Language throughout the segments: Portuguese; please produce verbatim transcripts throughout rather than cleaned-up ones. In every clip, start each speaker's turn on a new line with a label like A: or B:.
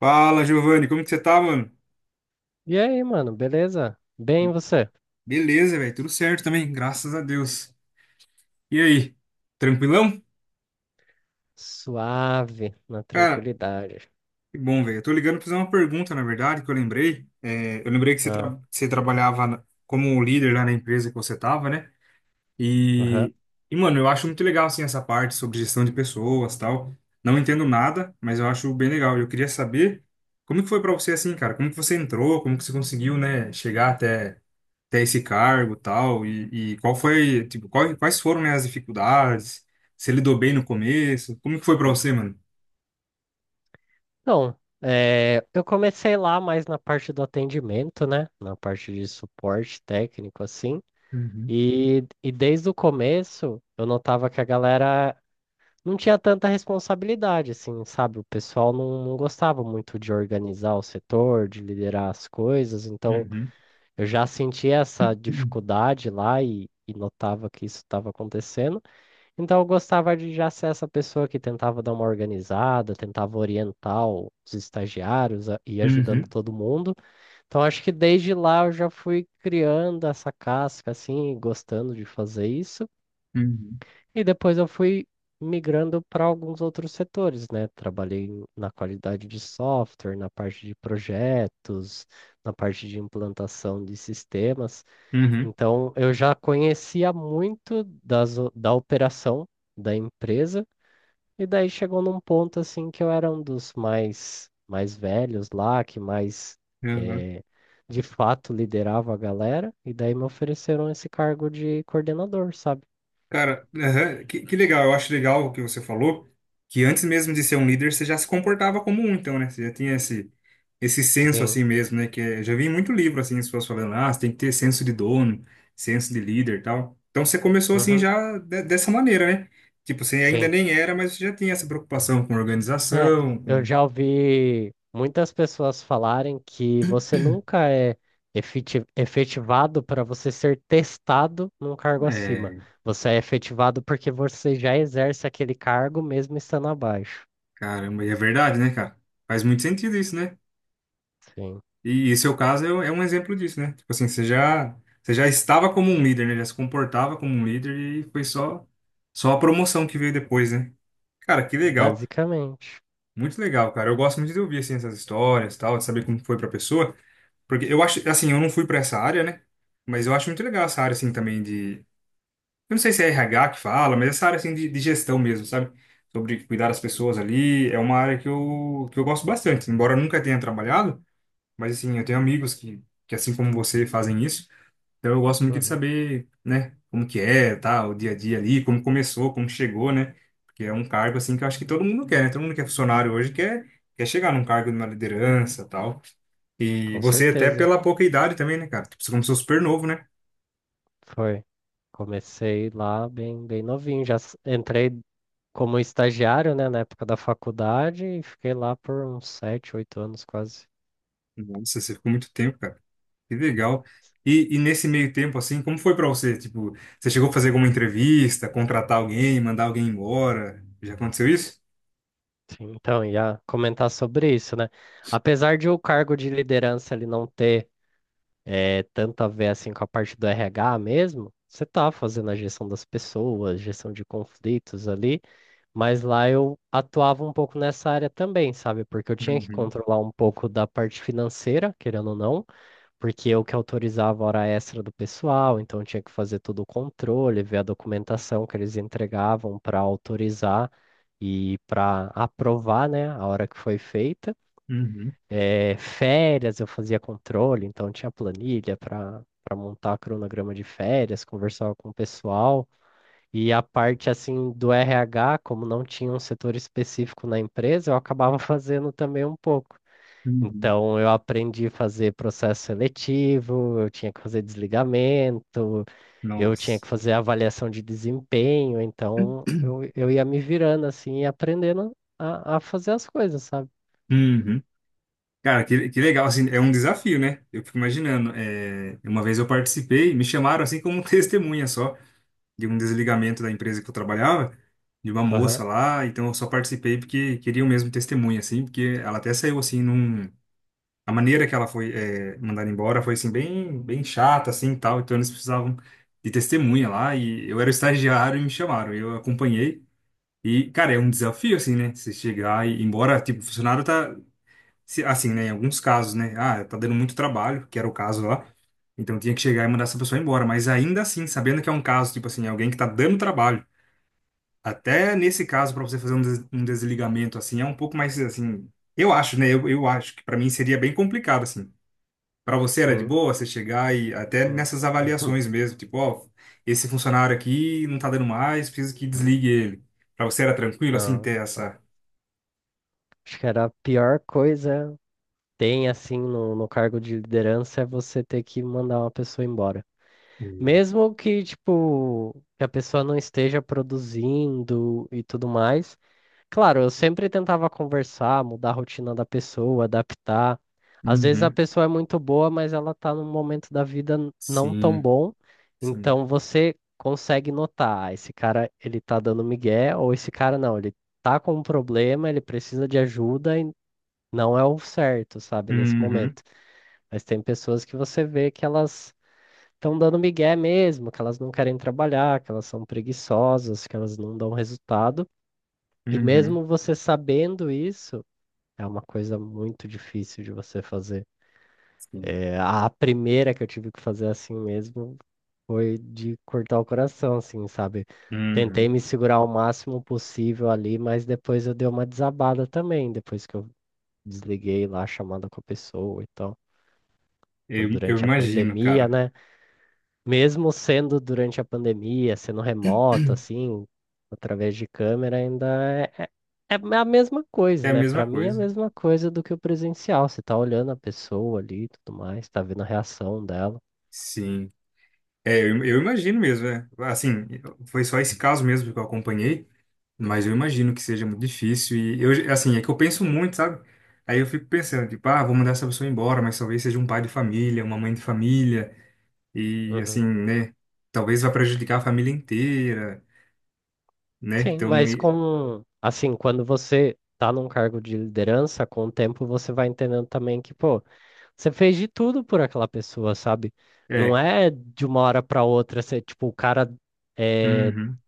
A: Fala, Giovanni, como que você tá, mano?
B: E aí, mano, beleza? Bem, e você?
A: Beleza, velho, tudo certo também, graças a Deus. E aí, tranquilão?
B: Suave, na
A: Cara,
B: tranquilidade.
A: que bom, velho. Eu tô ligando pra fazer uma pergunta, na verdade, que eu lembrei. É, eu lembrei que você,
B: Ah,
A: tra- você trabalhava na- como líder lá na empresa que você tava, né?
B: aham.
A: E, e, mano, eu acho muito legal, assim, essa parte sobre gestão de pessoas tal. Não entendo nada, mas eu acho bem legal. Eu queria saber como que foi pra você, assim, cara? Como que você entrou? Como que você conseguiu, né, chegar até ter esse cargo e tal, e, e qual foi, tipo, qual- quais foram, né, as dificuldades, se lidou bem no começo, como que foi pra você, mano?
B: Então, eh, eu comecei lá mais na parte do atendimento, né? Na parte de suporte técnico, assim.
A: Uhum,
B: E, e desde o começo, eu notava que a galera não tinha tanta responsabilidade, assim, sabe? O pessoal não, não gostava muito de organizar o setor, de liderar as coisas. Então,
A: uhum,
B: eu já sentia essa
A: uhum,
B: dificuldade lá e e notava que isso estava acontecendo. Então eu gostava de já ser essa pessoa que tentava dar uma organizada, tentava orientar o- os estagiários a- e ajudando
A: uhum,
B: todo mundo. Então acho que desde lá eu já fui criando essa casca assim, e gostando de fazer isso.
A: uhum,
B: E depois eu fui migrando para alguns outros setores, né? Trabalhei em- na qualidade de software, na parte de projetos, na parte de implantação de sistemas.
A: uhum,
B: Então eu já conhecia muito das, o- da operação da empresa, e daí chegou num ponto assim que eu era um dos mais mais velhos lá, que mais
A: uhum.
B: eh, de fato liderava a galera, e daí me ofereceram esse cargo de coordenador, sabe?
A: Cara, aham, que, que legal. Eu acho legal o que você falou, que antes mesmo de ser um líder, você já se comportava como um, então, né? Você já tinha esse, esse senso
B: Sim.
A: assim mesmo, né? Que é, já vi em muito livro, assim, as pessoas falando, ah, você tem que ter senso de dono, senso de líder e tal. Então, você começou assim
B: Uhum.
A: já de- dessa maneira, né? Tipo, você ainda
B: Sim.
A: nem era, mas você já tinha essa preocupação com
B: É,
A: organização,
B: eu
A: com...
B: já ouvi muitas pessoas falarem que você nunca é efeti- efetivado para você ser testado num cargo acima.
A: É,
B: Você é efetivado porque você já exerce aquele cargo mesmo estando abaixo.
A: caramba, e é verdade, né, cara? Faz muito sentido isso, né?
B: Sim.
A: E, e seu caso é, é um exemplo disso, né? Tipo assim, você já, você já estava como um líder, né? Já se comportava como um líder e foi só, só a promoção que veio depois, né? Cara, que legal.
B: Basicamente.
A: Muito legal, cara. Eu gosto muito de ouvir, assim, essas histórias e tal, de saber como foi pra pessoa. Porque eu acho, assim, eu não fui pra essa área, né? Mas eu acho muito legal essa área, assim, também de... Eu não sei se é R H que fala, mas essa área, assim, de, de gestão mesmo, sabe? Sobre cuidar das pessoas ali. É uma área que eu, que eu gosto bastante. Embora eu nunca tenha trabalhado, mas assim, eu tenho amigos que, que assim como você fazem isso, então eu gosto muito de
B: Uhum.
A: saber, né, como que é, tá, o dia a dia ali, como começou, como chegou, né? Porque é um cargo assim que eu acho que todo mundo quer, né? Todo mundo que é funcionário hoje quer quer chegar num cargo de uma liderança, tal. E
B: Com
A: você até
B: certeza.
A: pela pouca idade também, né, cara? Tipo, você começou super novo, né?
B: Foi. Comecei lá bem, bem novinho. Já s- entrei como estagiário, né, na época da faculdade e fiquei lá por uns sete, oito anos quase.
A: Nossa, você ficou muito tempo, cara. Que legal. E, e nesse meio tempo, assim, como foi pra você? Tipo, você chegou a fazer alguma entrevista, contratar alguém, mandar alguém embora? Já aconteceu isso?
B: Sim, então, ia comentar sobre isso, né? Apesar de o cargo de liderança ele não ter eh, tanto a ver assim com a parte do R H mesmo, você tá fazendo a gestão das pessoas, gestão de conflitos ali, mas lá eu atuava um pouco nessa área também, sabe? Porque eu tinha que
A: Uhum,
B: controlar um pouco da parte financeira, querendo ou não, porque eu que autorizava a hora extra do pessoal, então eu tinha que fazer todo o controle, ver a documentação que eles entregavam para autorizar e para aprovar, né, a hora que foi feita.
A: uhum.
B: Eh, férias eu fazia controle, então tinha planilha para para montar cronograma de férias, conversava com o pessoal. E a parte assim do R H, como não tinha um setor específico na empresa, eu acabava fazendo também um pouco.
A: Uhum.
B: Então eu aprendi a fazer processo seletivo, eu tinha que fazer desligamento, eu tinha
A: Nossa.
B: que fazer avaliação de desempenho, então eu, eu ia me virando assim e aprendendo a, a fazer as coisas, sabe?
A: Uhum. Cara, que, que legal, assim, é um desafio, né? Eu fico imaginando. É, uma vez eu participei, me chamaram assim como testemunha só, de um desligamento da empresa que eu trabalhava, de uma
B: Aham,
A: moça lá, então eu só participei porque queriam mesmo testemunha, assim, porque ela até saiu assim num. A maneira que ela foi é, mandada embora foi assim, bem, bem chata, assim, e tal, então eles precisavam de testemunha lá, e eu era estagiário e me chamaram, eu acompanhei. E, cara, é um desafio, assim, né? Você chegar e, embora, tipo, o funcionário tá, se- assim, né, em alguns casos, né? Ah, tá dando muito trabalho, que era o caso lá. Então tinha que chegar e mandar essa pessoa embora. Mas ainda assim, sabendo que é um caso, tipo assim, alguém que tá dando trabalho. Até nesse caso, para você fazer um, des- um desligamento, assim, é um pouco mais, assim. Eu acho, né? Eu, eu acho que para mim seria bem complicado, assim. Para você era de
B: sim.
A: boa você chegar e até
B: Hum.
A: nessas avaliações mesmo, tipo, ó, esse funcionário aqui não tá dando mais, preciso que desligue ele. Para você era tranquilo, assim,
B: Não,
A: ter essa.
B: acho que era a pior coisa. Tem assim no, no cargo de liderança é você ter que mandar uma pessoa embora. Mesmo que, tipo, que a pessoa não esteja produzindo e tudo mais. Claro, eu sempre tentava conversar, mudar a rotina da pessoa, adaptar. Às vezes a
A: Uhum.
B: pessoa é muito boa, mas ela tá num momento da vida n- não tão
A: Sim,
B: bom.
A: sim.
B: Então você consegue notar, "Ah, esse cara, ele tá dando migué, ou esse cara não, ele tá com um problema, ele precisa de ajuda e não é o certo, sabe, nesse
A: Uhum.
B: momento." Mas tem pessoas que você vê que elas estão dando migué mesmo, que elas não querem trabalhar, que elas são preguiçosas, que elas não dão resultado. E
A: Uhum.
B: mesmo você sabendo isso, é uma coisa muito difícil de você fazer.
A: Sim.
B: É, a primeira que eu tive que fazer assim mesmo foi de cortar o coração, assim, sabe? Tentei
A: Uhum.
B: me segurar o máximo possível ali, mas depois eu dei uma desabada também, depois que eu desliguei lá a chamada com a pessoa e tal. Foi
A: Eu, eu
B: durante a
A: imagino,
B: pandemia,
A: cara.
B: né? Mesmo sendo durante a pandemia, sendo remoto, assim, através de câmera, ainda é, é é a mesma coisa,
A: É a
B: né?
A: mesma
B: Para mim é a
A: coisa.
B: mesma coisa do que o presencial. Você tá olhando a pessoa ali e tudo mais, tá vendo a reação dela.
A: Sim. É, eu, eu imagino mesmo, é. Assim, foi só esse caso mesmo que eu acompanhei, mas eu imagino que seja muito difícil. E eu, assim, é que eu penso muito, sabe? Aí eu fico pensando, tipo, ah, vou mandar essa pessoa embora, mas talvez seja um pai de família, uma mãe de família, e assim,
B: Uhum.
A: né? Talvez vá prejudicar a família inteira, né?
B: Sim,
A: Então,
B: mas
A: e-
B: com, assim, quando você tá num cargo de liderança, com o tempo você vai entendendo também que, pô, você fez de tudo por aquela pessoa, sabe? Não
A: é.
B: é de uma hora pra outra, você, tipo, o cara eh,
A: Uhum.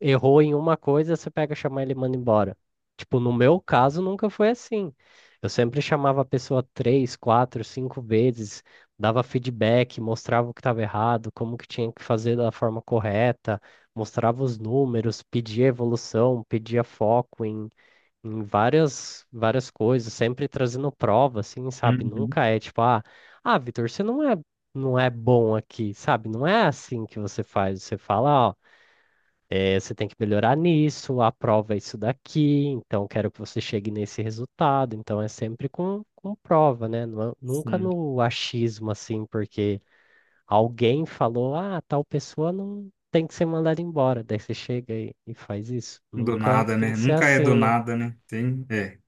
B: errou em uma coisa, você pega, chama ele e manda embora. Tipo, no meu caso, nunca foi assim. Eu sempre chamava a pessoa três, quatro, cinco vezes, dava feedback, mostrava o que estava errado, como que tinha que fazer da forma correta, mostrava os números, pedia evolução, pedia foco em, em, várias, várias coisas, sempre trazendo prova, assim, sabe?
A: Uhum.
B: Nunca é tipo, ah, ah, Vitor, você não é, não é bom aqui, sabe? Não é assim que você faz. Você fala, ó. É, você tem que melhorar nisso, a prova é isso daqui, então quero que você chegue nesse resultado. Então é sempre com, com prova, né? Nu- Nunca
A: Sim.
B: no achismo assim, porque alguém falou, ah, tal pessoa não tem que ser mandada embora. Daí você chega e, e faz isso.
A: Do
B: Nunca
A: nada,
B: tem
A: né?
B: que ser
A: Nunca é do
B: assim, né?
A: nada, né? Tem, é,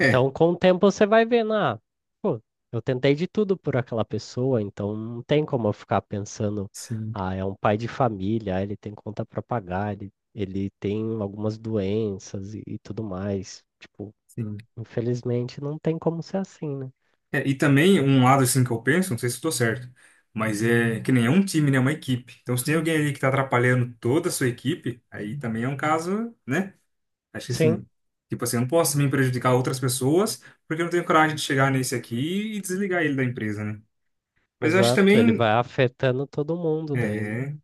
A: é,
B: Então, com o tempo, você vai vendo, ah, pô, eu tentei de tudo por aquela pessoa, então não tem como eu ficar pensando,
A: sim,
B: ah, é um pai de família, ah, ele tem conta para pagar, ele, ele tem algumas doenças e, e tudo mais. Tipo,
A: sim.
B: infelizmente, não tem como ser assim, né?
A: É, e também um lado assim que eu penso, não sei se estou certo, mas é que nem é um time, né? É uma equipe. Então se tem alguém ali que tá atrapalhando toda a sua equipe, aí também é um caso, né? Acho que
B: Sim,
A: assim, tipo assim, eu não posso também prejudicar outras pessoas porque eu não tenho coragem de chegar nesse aqui e desligar ele da empresa, né? Mas eu acho
B: exato. Ele vai
A: também,
B: afetando todo mundo daí, né?
A: é,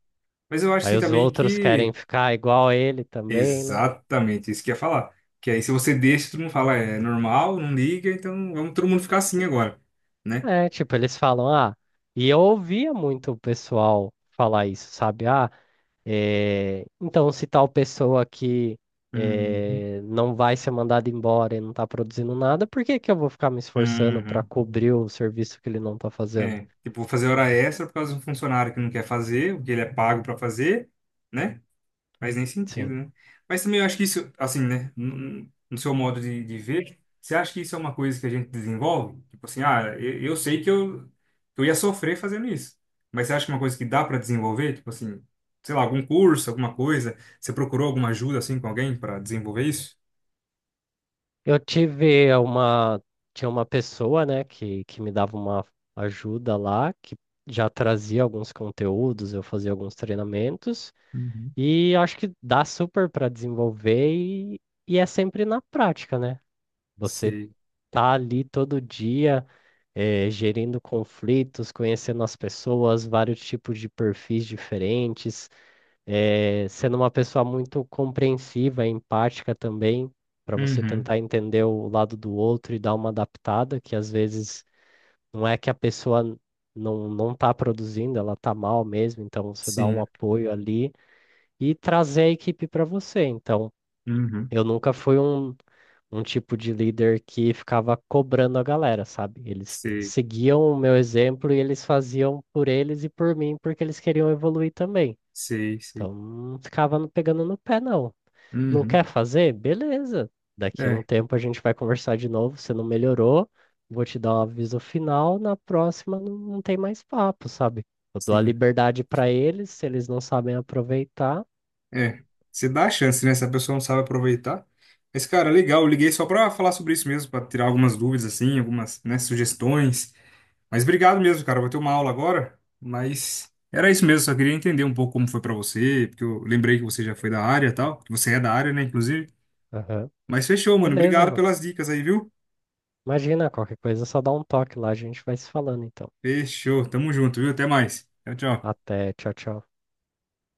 A: mas eu acho
B: Aí
A: assim
B: os
A: também
B: outros querem
A: que
B: ficar igual a ele também, né?
A: exatamente, isso que eu ia falar. Que aí se você deixa, todo mundo fala, é é normal, não liga, então vamos todo mundo ficar assim agora, né?
B: É, tipo, eles falam, ah, e eu ouvia muito o pessoal falar isso, sabe? Ah, Eh, então, se tal pessoa aqui
A: Uhum.
B: eh, não vai ser mandada embora e não está produzindo nada, por que que eu vou ficar me esforçando para
A: Uhum.
B: cobrir o serviço que ele não está fazendo?
A: É, tipo, vou fazer hora extra por causa de um funcionário que não quer fazer, o que ele é pago pra fazer, né? Faz nem sentido,
B: Sim.
A: né? Mas também eu acho que isso, assim, né? No, no seu modo de, de ver, você acha que isso é uma coisa que a gente desenvolve? Tipo assim, ah, eu, eu sei que eu, que eu ia sofrer fazendo isso. Mas você acha que é uma coisa que dá pra desenvolver? Tipo assim, sei lá, algum curso, alguma coisa? Você procurou alguma ajuda, assim, com alguém pra desenvolver isso?
B: Eu tive uma, tinha uma pessoa, né, que, que me dava uma ajuda lá, que já trazia alguns conteúdos, eu fazia alguns treinamentos,
A: Uhum.
B: e acho que dá super para desenvolver e, e é sempre na prática, né? Você
A: Sei.
B: tá ali todo dia eh, gerindo conflitos, conhecendo as pessoas, vários tipos de perfis diferentes, eh, sendo uma pessoa muito compreensiva, empática também, para você
A: Uhum.
B: tentar entender o lado do outro e dar uma adaptada, que às vezes não é que a pessoa não não está produzindo, ela está mal mesmo, então você dá um
A: Sim.
B: apoio ali e trazer a equipe para você. Então,
A: Uhum.
B: eu nunca fui um um tipo de líder que ficava cobrando a galera, sabe? Eles
A: Sei.
B: seguiam o meu exemplo e eles faziam por eles e por mim porque eles queriam evoluir também.
A: Sei, sei.
B: Então não ficava no- pegando no pé, não. Não
A: Uhum.
B: quer fazer? Beleza. Daqui um
A: É,
B: tempo a gente vai conversar de novo. Você não melhorou, vou te dar um aviso final. Na próxima não, não tem mais papo, sabe? Eu dou a
A: sim.
B: liberdade pra eles, se eles não sabem aproveitar.
A: É, você dá a chance, né? Se a pessoa não sabe aproveitar. Mas, cara, legal, eu liguei só pra falar sobre isso mesmo, pra tirar algumas dúvidas, assim, algumas, né, sugestões. Mas obrigado mesmo, cara. Eu vou ter uma aula agora, mas era isso mesmo, só queria entender um pouco como foi pra você, porque eu lembrei que você já foi da área e tal, que você é da área, né, inclusive.
B: Aham.
A: Mas fechou, mano.
B: Beleza,
A: Obrigado
B: mano.
A: pelas dicas aí, viu?
B: Imagina, qualquer coisa, é só dá um toque lá, a gente vai se falando, então.
A: Fechou. Tamo junto, viu? Até mais. Tchau, tchau.
B: Até. Tchau, tchau.